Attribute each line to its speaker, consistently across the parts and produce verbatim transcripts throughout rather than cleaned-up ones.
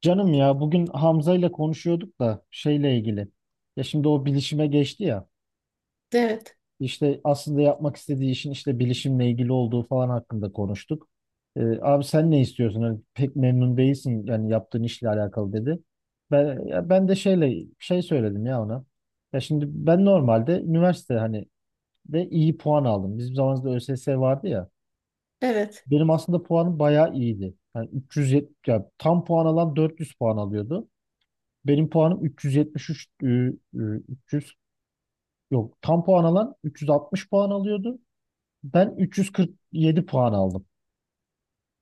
Speaker 1: Canım ya bugün Hamza ile konuşuyorduk da şeyle ilgili. Ya şimdi o bilişime geçti ya.
Speaker 2: Evet,
Speaker 1: İşte aslında yapmak istediği işin işte bilişimle ilgili olduğu falan hakkında konuştuk. Ee, abi sen ne istiyorsun? Hani pek memnun değilsin yani yaptığın işle alakalı dedi. Ben ya ben de şeyle şey söyledim ya ona. Ya şimdi ben normalde üniversite hani de iyi puan aldım. Bizim zamanımızda ÖSS vardı ya.
Speaker 2: evet,
Speaker 1: Benim aslında puanım bayağı iyiydi. Yani üç yüz yetmiş ya tam puan alan dört yüz puan alıyordu. Benim puanım üç yüz yetmiş üç e, e, üç yüz yok tam puan alan üç yüz altmış puan alıyordu. Ben üç yüz kırk yedi puan aldım.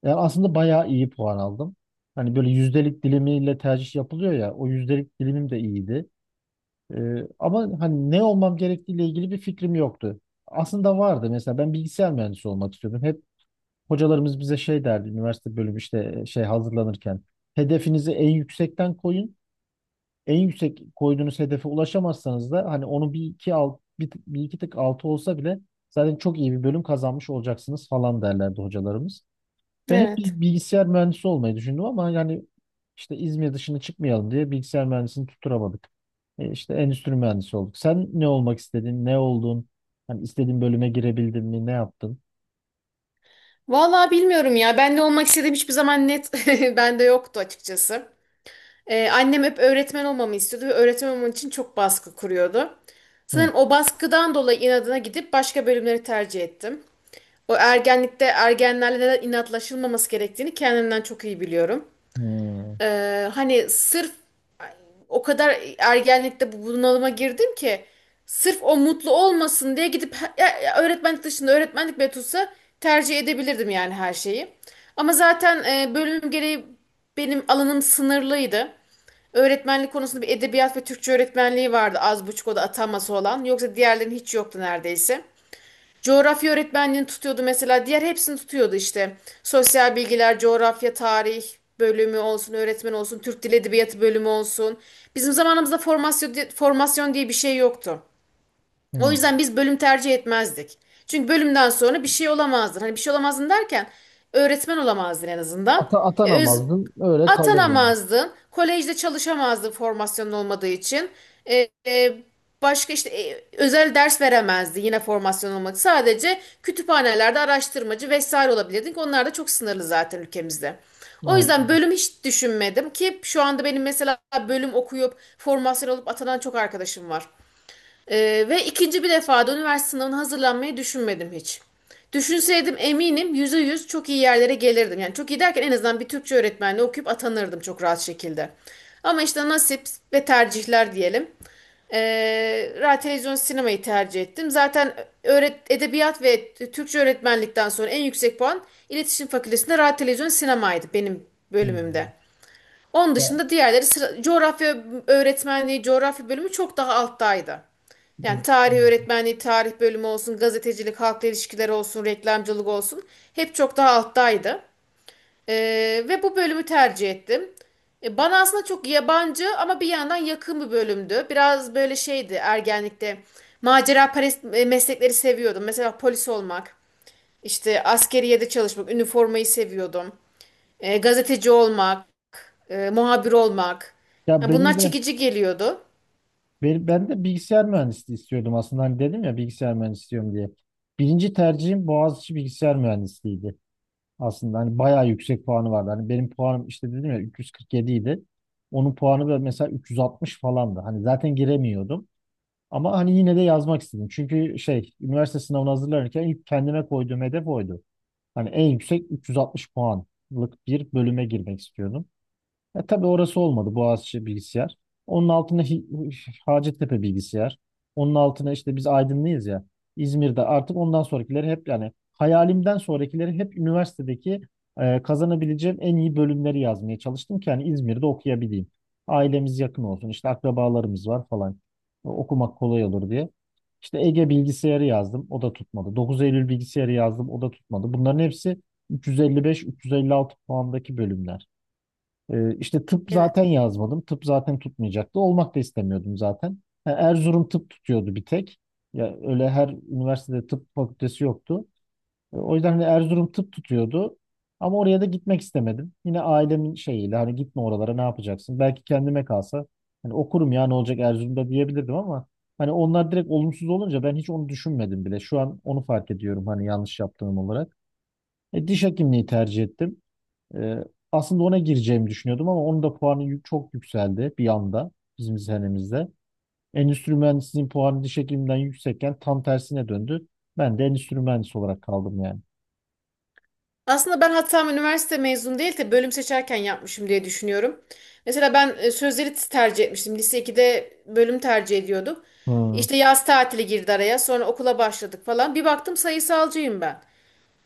Speaker 1: Yani aslında bayağı iyi puan aldım. Hani böyle yüzdelik dilimiyle tercih yapılıyor ya o yüzdelik dilimim de iyiydi. E, Ama hani ne olmam gerektiğiyle ilgili bir fikrim yoktu. Aslında vardı, mesela ben bilgisayar mühendisi olmak istiyordum. Hep hocalarımız bize şey derdi, üniversite bölümü işte e, şey hazırlanırken hedefinizi en yüksekten koyun, en yüksek koyduğunuz hedefe ulaşamazsanız da hani onu bir iki alt, bir, bir iki tık altı olsa bile zaten çok iyi bir bölüm kazanmış olacaksınız falan derlerdi hocalarımız. Ben hep bir
Speaker 2: evet.
Speaker 1: bilgisayar mühendisi olmayı düşündüm ama yani işte İzmir dışına çıkmayalım diye bilgisayar mühendisini tutturamadık. E işte endüstri mühendisi olduk. Sen ne olmak istedin? Ne oldun? Hani istediğin bölüme girebildin mi? Ne yaptın?
Speaker 2: Vallahi bilmiyorum ya. Ben ne olmak istediğim hiçbir zaman net bende yoktu açıkçası. Ee, annem hep öğretmen olmamı istiyordu ve öğretmen olmam için çok baskı kuruyordu.
Speaker 1: Hı.
Speaker 2: Sanırım o baskıdan dolayı inadına gidip başka bölümleri tercih ettim. O ergenlikte ergenlerle neden inatlaşılmaması gerektiğini kendimden çok iyi biliyorum.
Speaker 1: Hı.
Speaker 2: Ee, hani sırf o kadar ergenlikte bu bunalıma girdim ki sırf o mutlu olmasın diye gidip ya- ya öğretmenlik dışında öğretmenlik bile tutsa tercih edebilirdim yani her şeyi. Ama zaten e, bölüm gereği benim alanım sınırlıydı. Öğretmenlik konusunda bir edebiyat ve Türkçe öğretmenliği vardı az buçuk, o da ataması olan. Yoksa diğerlerinin hiç yoktu neredeyse. Coğrafya öğretmenliğini tutuyordu mesela. Diğer hepsini tutuyordu işte. Sosyal bilgiler, coğrafya, tarih bölümü olsun, öğretmen olsun, Türk Dil Edebiyatı bölümü olsun. Bizim zamanımızda formasyon, formasyon diye bir şey yoktu. O
Speaker 1: Hı.
Speaker 2: yüzden biz bölüm tercih etmezdik. Çünkü bölümden sonra bir şey olamazdın. Hani bir şey olamazdın derken öğretmen olamazdın en azından.
Speaker 1: Ata,
Speaker 2: E, öz,
Speaker 1: atanamazdın, öyle kalırdın.
Speaker 2: Atanamazdın. Kolejde çalışamazdın formasyonun olmadığı için. E, e, Başka işte e, özel ders veremezdi yine formasyon olmadı. Sadece kütüphanelerde araştırmacı vesaire olabilirdik. Onlar da çok sınırlı zaten ülkemizde. O yüzden
Speaker 1: Aynen.
Speaker 2: bölüm hiç düşünmedim ki şu anda benim mesela bölüm okuyup formasyon olup atanan çok arkadaşım var. Ee, ve ikinci bir defada üniversite sınavına hazırlanmayı düşünmedim hiç. Düşünseydim eminim yüzde yüz çok iyi yerlere gelirdim. Yani çok iyi derken en azından bir Türkçe öğretmenliği okuyup atanırdım çok rahat şekilde. Ama işte nasip ve tercihler diyelim. Ee, radyo, televizyon, sinemayı tercih ettim. Zaten öğret edebiyat ve Türkçe öğretmenlikten sonra en yüksek puan iletişim fakültesinde radyo, televizyon, sinemaydı benim
Speaker 1: Hı.
Speaker 2: bölümümde. Onun
Speaker 1: Ya,
Speaker 2: dışında diğerleri sıra- coğrafya öğretmenliği, coğrafya bölümü çok daha alttaydı. Yani
Speaker 1: hı.
Speaker 2: tarih öğretmenliği, tarih bölümü olsun, gazetecilik, halkla ilişkiler olsun, reklamcılık olsun hep çok daha alttaydı. Ee, ve bu bölümü tercih ettim. E, bana aslında çok yabancı ama bir yandan yakın bir bölümdü. Biraz böyle şeydi ergenlikte. Macera perest e, meslekleri seviyordum. Mesela polis olmak, işte askeriyede çalışmak, üniformayı seviyordum. E, gazeteci olmak, e, muhabir olmak.
Speaker 1: Ya
Speaker 2: Ya
Speaker 1: benim
Speaker 2: bunlar
Speaker 1: de.
Speaker 2: çekici geliyordu.
Speaker 1: Ben, ben de bilgisayar mühendisliği istiyordum aslında. Hani dedim ya bilgisayar mühendisi istiyorum diye. Birinci tercihim Boğaziçi bilgisayar mühendisliğiydi. Aslında hani bayağı yüksek puanı vardı. Hani benim puanım, işte dedim ya, üç yüz kırk yedi idi. Onun puanı da mesela üç yüz altmış falandı. Hani zaten giremiyordum. Ama hani yine de yazmak istedim. Çünkü şey, üniversite sınavına hazırlanırken ilk kendime koyduğum hedef oydu. Hani en yüksek üç yüz altmış puanlık bir bölüme girmek istiyordum. Ya tabii orası olmadı. Boğaziçi bilgisayar. Onun altına Hi- Hacettepe bilgisayar. Onun altına işte biz Aydınlıyız ya. İzmir'de artık ondan sonrakileri hep, yani hayalimden sonrakileri hep üniversitedeki e, kazanabileceğim en iyi bölümleri yazmaya çalıştım ki yani İzmir'de okuyabileyim. Ailemiz yakın olsun, işte akrabalarımız var falan. O- Okumak kolay olur diye. İşte Ege bilgisayarı yazdım. O da tutmadı. dokuz Eylül bilgisayarı yazdım. O da tutmadı. Bunların hepsi üç yüz elli beş üç yüz elli altı puandaki bölümler. Ee, işte tıp zaten
Speaker 2: Evet.
Speaker 1: yazmadım. Tıp zaten tutmayacaktı. Olmak da istemiyordum zaten. Ha, Erzurum tıp tutuyordu bir tek. Ya öyle her üniversitede tıp fakültesi yoktu. E, O yüzden hani Erzurum tıp tutuyordu. Ama oraya da gitmek istemedim. Yine ailemin şeyiyle, hani gitme oralara, ne yapacaksın? Belki kendime kalsa hani okurum, ya ne olacak Erzurum'da diyebilirdim ama hani onlar direkt olumsuz olunca ben hiç onu düşünmedim bile. Şu an onu fark ediyorum, hani yanlış yaptığım olarak. E, diş hekimliği tercih ettim. Ee, Aslında ona gireceğimi düşünüyordum ama onun da puanı yü- çok yükseldi bir anda bizim senemizde. Endüstri mühendisliğinin puanı diş hekimliğinden yüksekken tam tersine döndü. Ben de endüstri mühendisi olarak kaldım yani.
Speaker 2: Aslında ben hatam üniversite mezun değil de bölüm seçerken yapmışım diye düşünüyorum. Mesela ben e, sözleri tercih etmiştim. Lise ikide bölüm tercih ediyordum.
Speaker 1: Hmm,
Speaker 2: İşte yaz tatili girdi araya. Sonra okula başladık falan. Bir baktım sayısalcıyım ben.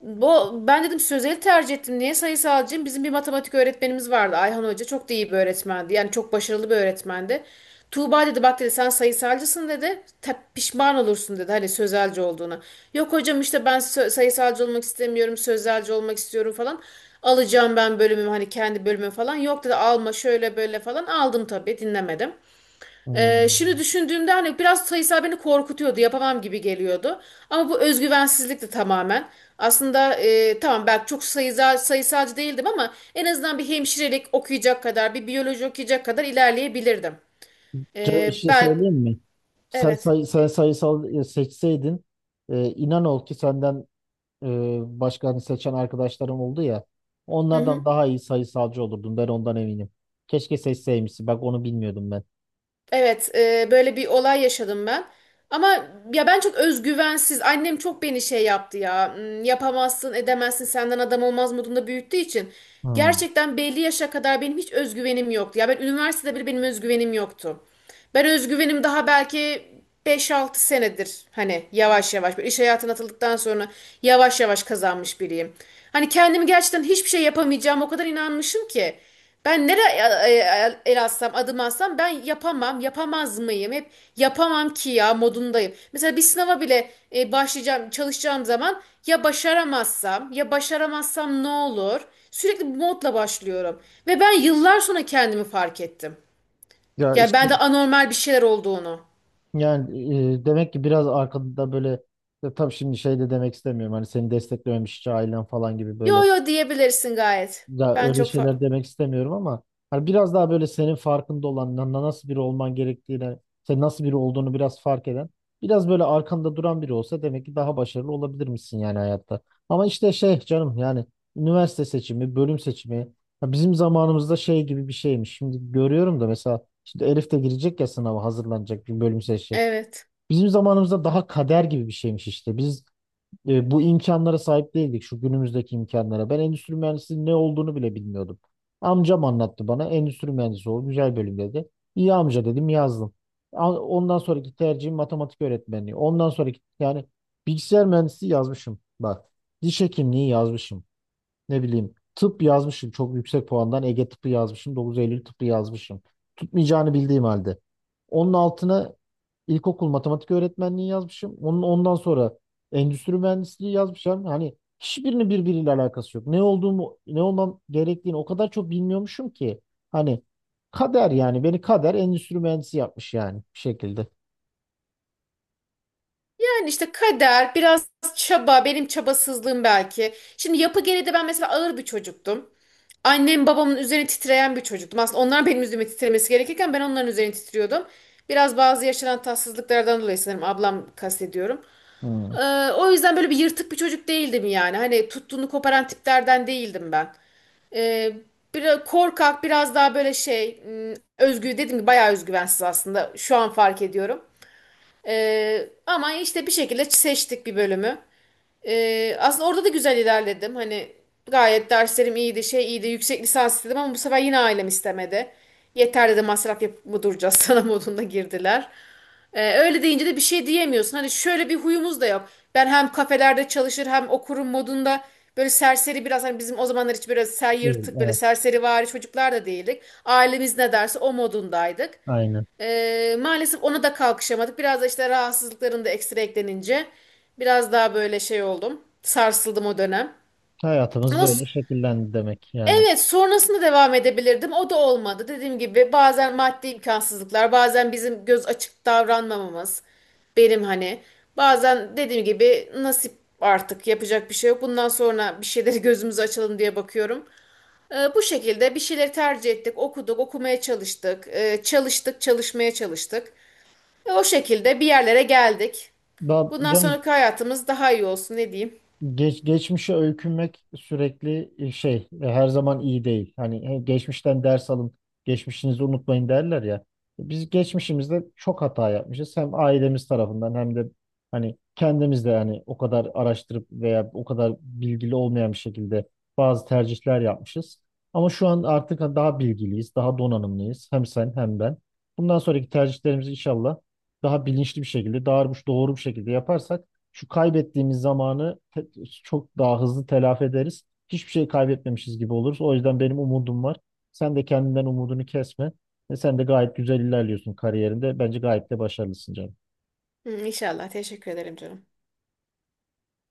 Speaker 2: Bu, ben dedim sözeli tercih ettim. Niye sayısalcıyım? Bizim bir matematik öğretmenimiz vardı. Ayhan Hoca çok da iyi bir öğretmendi. Yani çok başarılı bir öğretmendi. Tuğba dedi, bak dedi, sen sayısalcısın dedi. "Ta- pişman olursun dedi hani sözelci olduğuna. Yok hocam işte ben sö- sayısalcı olmak istemiyorum. Sözelci olmak istiyorum falan. Alacağım ben bölümümü hani kendi bölümümü falan. Yok dedi alma şöyle böyle falan. Aldım tabii, dinlemedim.
Speaker 1: hmm.
Speaker 2: Ee, şimdi düşündüğümde hani biraz sayısal beni korkutuyordu, yapamam gibi geliyordu. Ama bu özgüvensizlikti tamamen. Aslında e, tamam belki çok sayısal, sayısalcı değildim ama en azından bir hemşirelik okuyacak kadar, bir biyoloji okuyacak kadar ilerleyebilirdim.
Speaker 1: Canım bir
Speaker 2: Ee,
Speaker 1: şey
Speaker 2: ben,
Speaker 1: söyleyeyim mi? Sen,
Speaker 2: evet.
Speaker 1: say sen sayısal e, seçseydin, e, inan ol ki senden e, başka hani seçen arkadaşlarım oldu ya, onlardan daha iyi sayısalcı olurdun, ben ondan eminim. Keşke seçseymişsin, bak onu bilmiyordum ben.
Speaker 2: Evet, e, böyle bir olay yaşadım ben. Ama ya ben çok özgüvensiz. Annem çok beni şey yaptı ya. "Hmm, Yapamazsın, edemezsin, senden adam olmaz modunda büyüttüğü için.
Speaker 1: Hmm.
Speaker 2: Gerçekten belli yaşa kadar benim hiç özgüvenim yoktu. Ya ben üniversitede bile benim özgüvenim yoktu. Ben özgüvenim daha belki beş altı senedir hani yavaş yavaş böyle iş hayatına atıldıktan sonra yavaş yavaş kazanmış biriyim. Hani kendimi gerçekten hiçbir şey yapamayacağım o kadar inanmışım ki. Ben nereye el atsam, adım atsam ben yapamam, yapamaz mıyım? Hep yapamam ki ya modundayım. Mesela bir sınava bile e, başlayacağım, çalışacağım zaman ya başaramazsam, ya başaramazsam ne olur? Sürekli bu modla başlıyorum. Ve ben yıllar sonra kendimi fark ettim.
Speaker 1: Ya
Speaker 2: Ya
Speaker 1: işte.
Speaker 2: ben de anormal bir şeyler olduğunu.
Speaker 1: Yani e, demek ki biraz arkada böyle, ya tabii şimdi şey de demek istemiyorum. Hani seni desteklememiş hiç ailen falan gibi böyle,
Speaker 2: Yo yo, diyebilirsin gayet.
Speaker 1: ya
Speaker 2: Ben
Speaker 1: öyle
Speaker 2: çok fa-
Speaker 1: şeyler demek istemiyorum ama hani biraz daha böyle senin farkında olan na- na- nasıl biri olman gerektiğine, sen nasıl biri olduğunu biraz fark eden, biraz böyle arkanda duran biri olsa demek ki daha başarılı olabilir misin yani hayatta. Ama işte şey canım, yani üniversite seçimi, bölüm seçimi, ya bizim zamanımızda şey gibi bir şeymiş. Şimdi görüyorum da, mesela şimdi Elif de girecek ya, sınava hazırlanacak, bir bölüm seçecek.
Speaker 2: Evet.
Speaker 1: Bizim zamanımızda daha kader gibi bir şeymiş işte. Biz e, bu imkanlara sahip değildik, şu günümüzdeki imkanlara. Ben endüstri mühendisliğinin ne olduğunu bile bilmiyordum. Amcam anlattı bana, endüstri mühendisi ol güzel bölüm dedi. İyi amca dedim, yazdım. A- Ondan sonraki tercihim matematik öğretmenliği. Ondan sonraki, yani bilgisayar mühendisi yazmışım. Bak, diş hekimliği yazmışım, ne bileyim tıp yazmışım, çok yüksek puandan Ege tıpı yazmışım, dokuz Eylül tıpı yazmışım. Tutmayacağını bildiğim halde. Onun altına ilkokul matematik öğretmenliği yazmışım. Onun ondan sonra endüstri mühendisliği yazmışım. Hani hiçbirinin birbiriyle alakası yok. Ne olduğumu, ne olmam gerektiğini o kadar çok bilmiyormuşum ki. Hani kader, yani beni kader endüstri mühendisi yapmış yani bir şekilde.
Speaker 2: Yani işte kader, biraz çaba, benim çabasızlığım belki. Şimdi yapı gereği de ben mesela ağır bir çocuktum. Annem babamın üzerine titreyen bir çocuktum. Aslında onlar benim üzerime titremesi gerekirken ben onların üzerine titriyordum. Biraz bazı yaşanan tatsızlıklardan dolayı sanırım ablam kastediyorum.
Speaker 1: Hmm.
Speaker 2: Ee, o yüzden böyle bir yırtık bir çocuk değildim yani. Hani tuttuğunu koparan tiplerden değildim ben. Ee, Biraz korkak, biraz daha böyle şey, m, özgü dedim ki bayağı özgüvensiz aslında. Şu an fark ediyorum. Ee, ama işte bir şekilde seçtik bir bölümü. Ee, aslında orada da güzel ilerledim. Hani gayet derslerim iyiydi, şey iyiydi. Yüksek lisans istedim ama bu sefer yine ailem istemedi. Yeter dedi, masraf yapıp mı duracağız sana modunda girdiler. Ee, öyle deyince de bir şey diyemiyorsun. Hani şöyle bir huyumuz da yok. Ben hem kafelerde çalışır hem okurum modunda böyle serseri biraz, hani bizim o zamanlar hiç biraz ser
Speaker 1: Evet,
Speaker 2: yırtık böyle
Speaker 1: evet,
Speaker 2: serseri çocuklar da değildik. Ailemiz ne derse o modundaydık.
Speaker 1: aynen.
Speaker 2: Ee, maalesef ona da kalkışamadık. Biraz da işte rahatsızlıkların da ekstra eklenince biraz daha böyle şey oldum. Sarsıldım o dönem.
Speaker 1: Hayatımız
Speaker 2: Ama s-
Speaker 1: böyle şekillendi demek yani.
Speaker 2: evet, sonrasında devam edebilirdim. O da olmadı. Dediğim gibi bazen maddi imkansızlıklar, bazen bizim göz açık davranmamamız. Benim hani bazen dediğim gibi nasip, artık yapacak bir şey yok. Bundan sonra bir şeyleri gözümüzü açalım diye bakıyorum. Ee, bu şekilde bir şeyleri tercih ettik, okuduk, okumaya çalıştık, Ee, çalıştık, çalışmaya çalıştık. Ve o şekilde bir yerlere geldik.
Speaker 1: Daha,
Speaker 2: Bundan sonraki hayatımız daha iyi olsun, ne diyeyim.
Speaker 1: Geç, geçmişe öykünmek sürekli e, şey e, her zaman iyi değil. Hani e, geçmişten ders alın, geçmişinizi unutmayın derler ya. E, Biz geçmişimizde çok hata yapmışız. Hem ailemiz tarafından hem de hani kendimiz de, yani o kadar araştırıp veya o kadar bilgili olmayan bir şekilde bazı tercihler yapmışız. Ama şu an artık daha bilgiliyiz, daha donanımlıyız. Hem sen hem ben. Bundan sonraki tercihlerimizi inşallah daha bilinçli bir şekilde, daha doğru bir şekilde yaparsak şu kaybettiğimiz zamanı te- çok daha hızlı telafi ederiz. Hiçbir şey kaybetmemişiz gibi oluruz. O yüzden benim umudum var. Sen de kendinden umudunu kesme. Ve sen de gayet güzel ilerliyorsun kariyerinde. Bence gayet de başarılısın canım.
Speaker 2: Hı, İnşallah. Teşekkür ederim canım.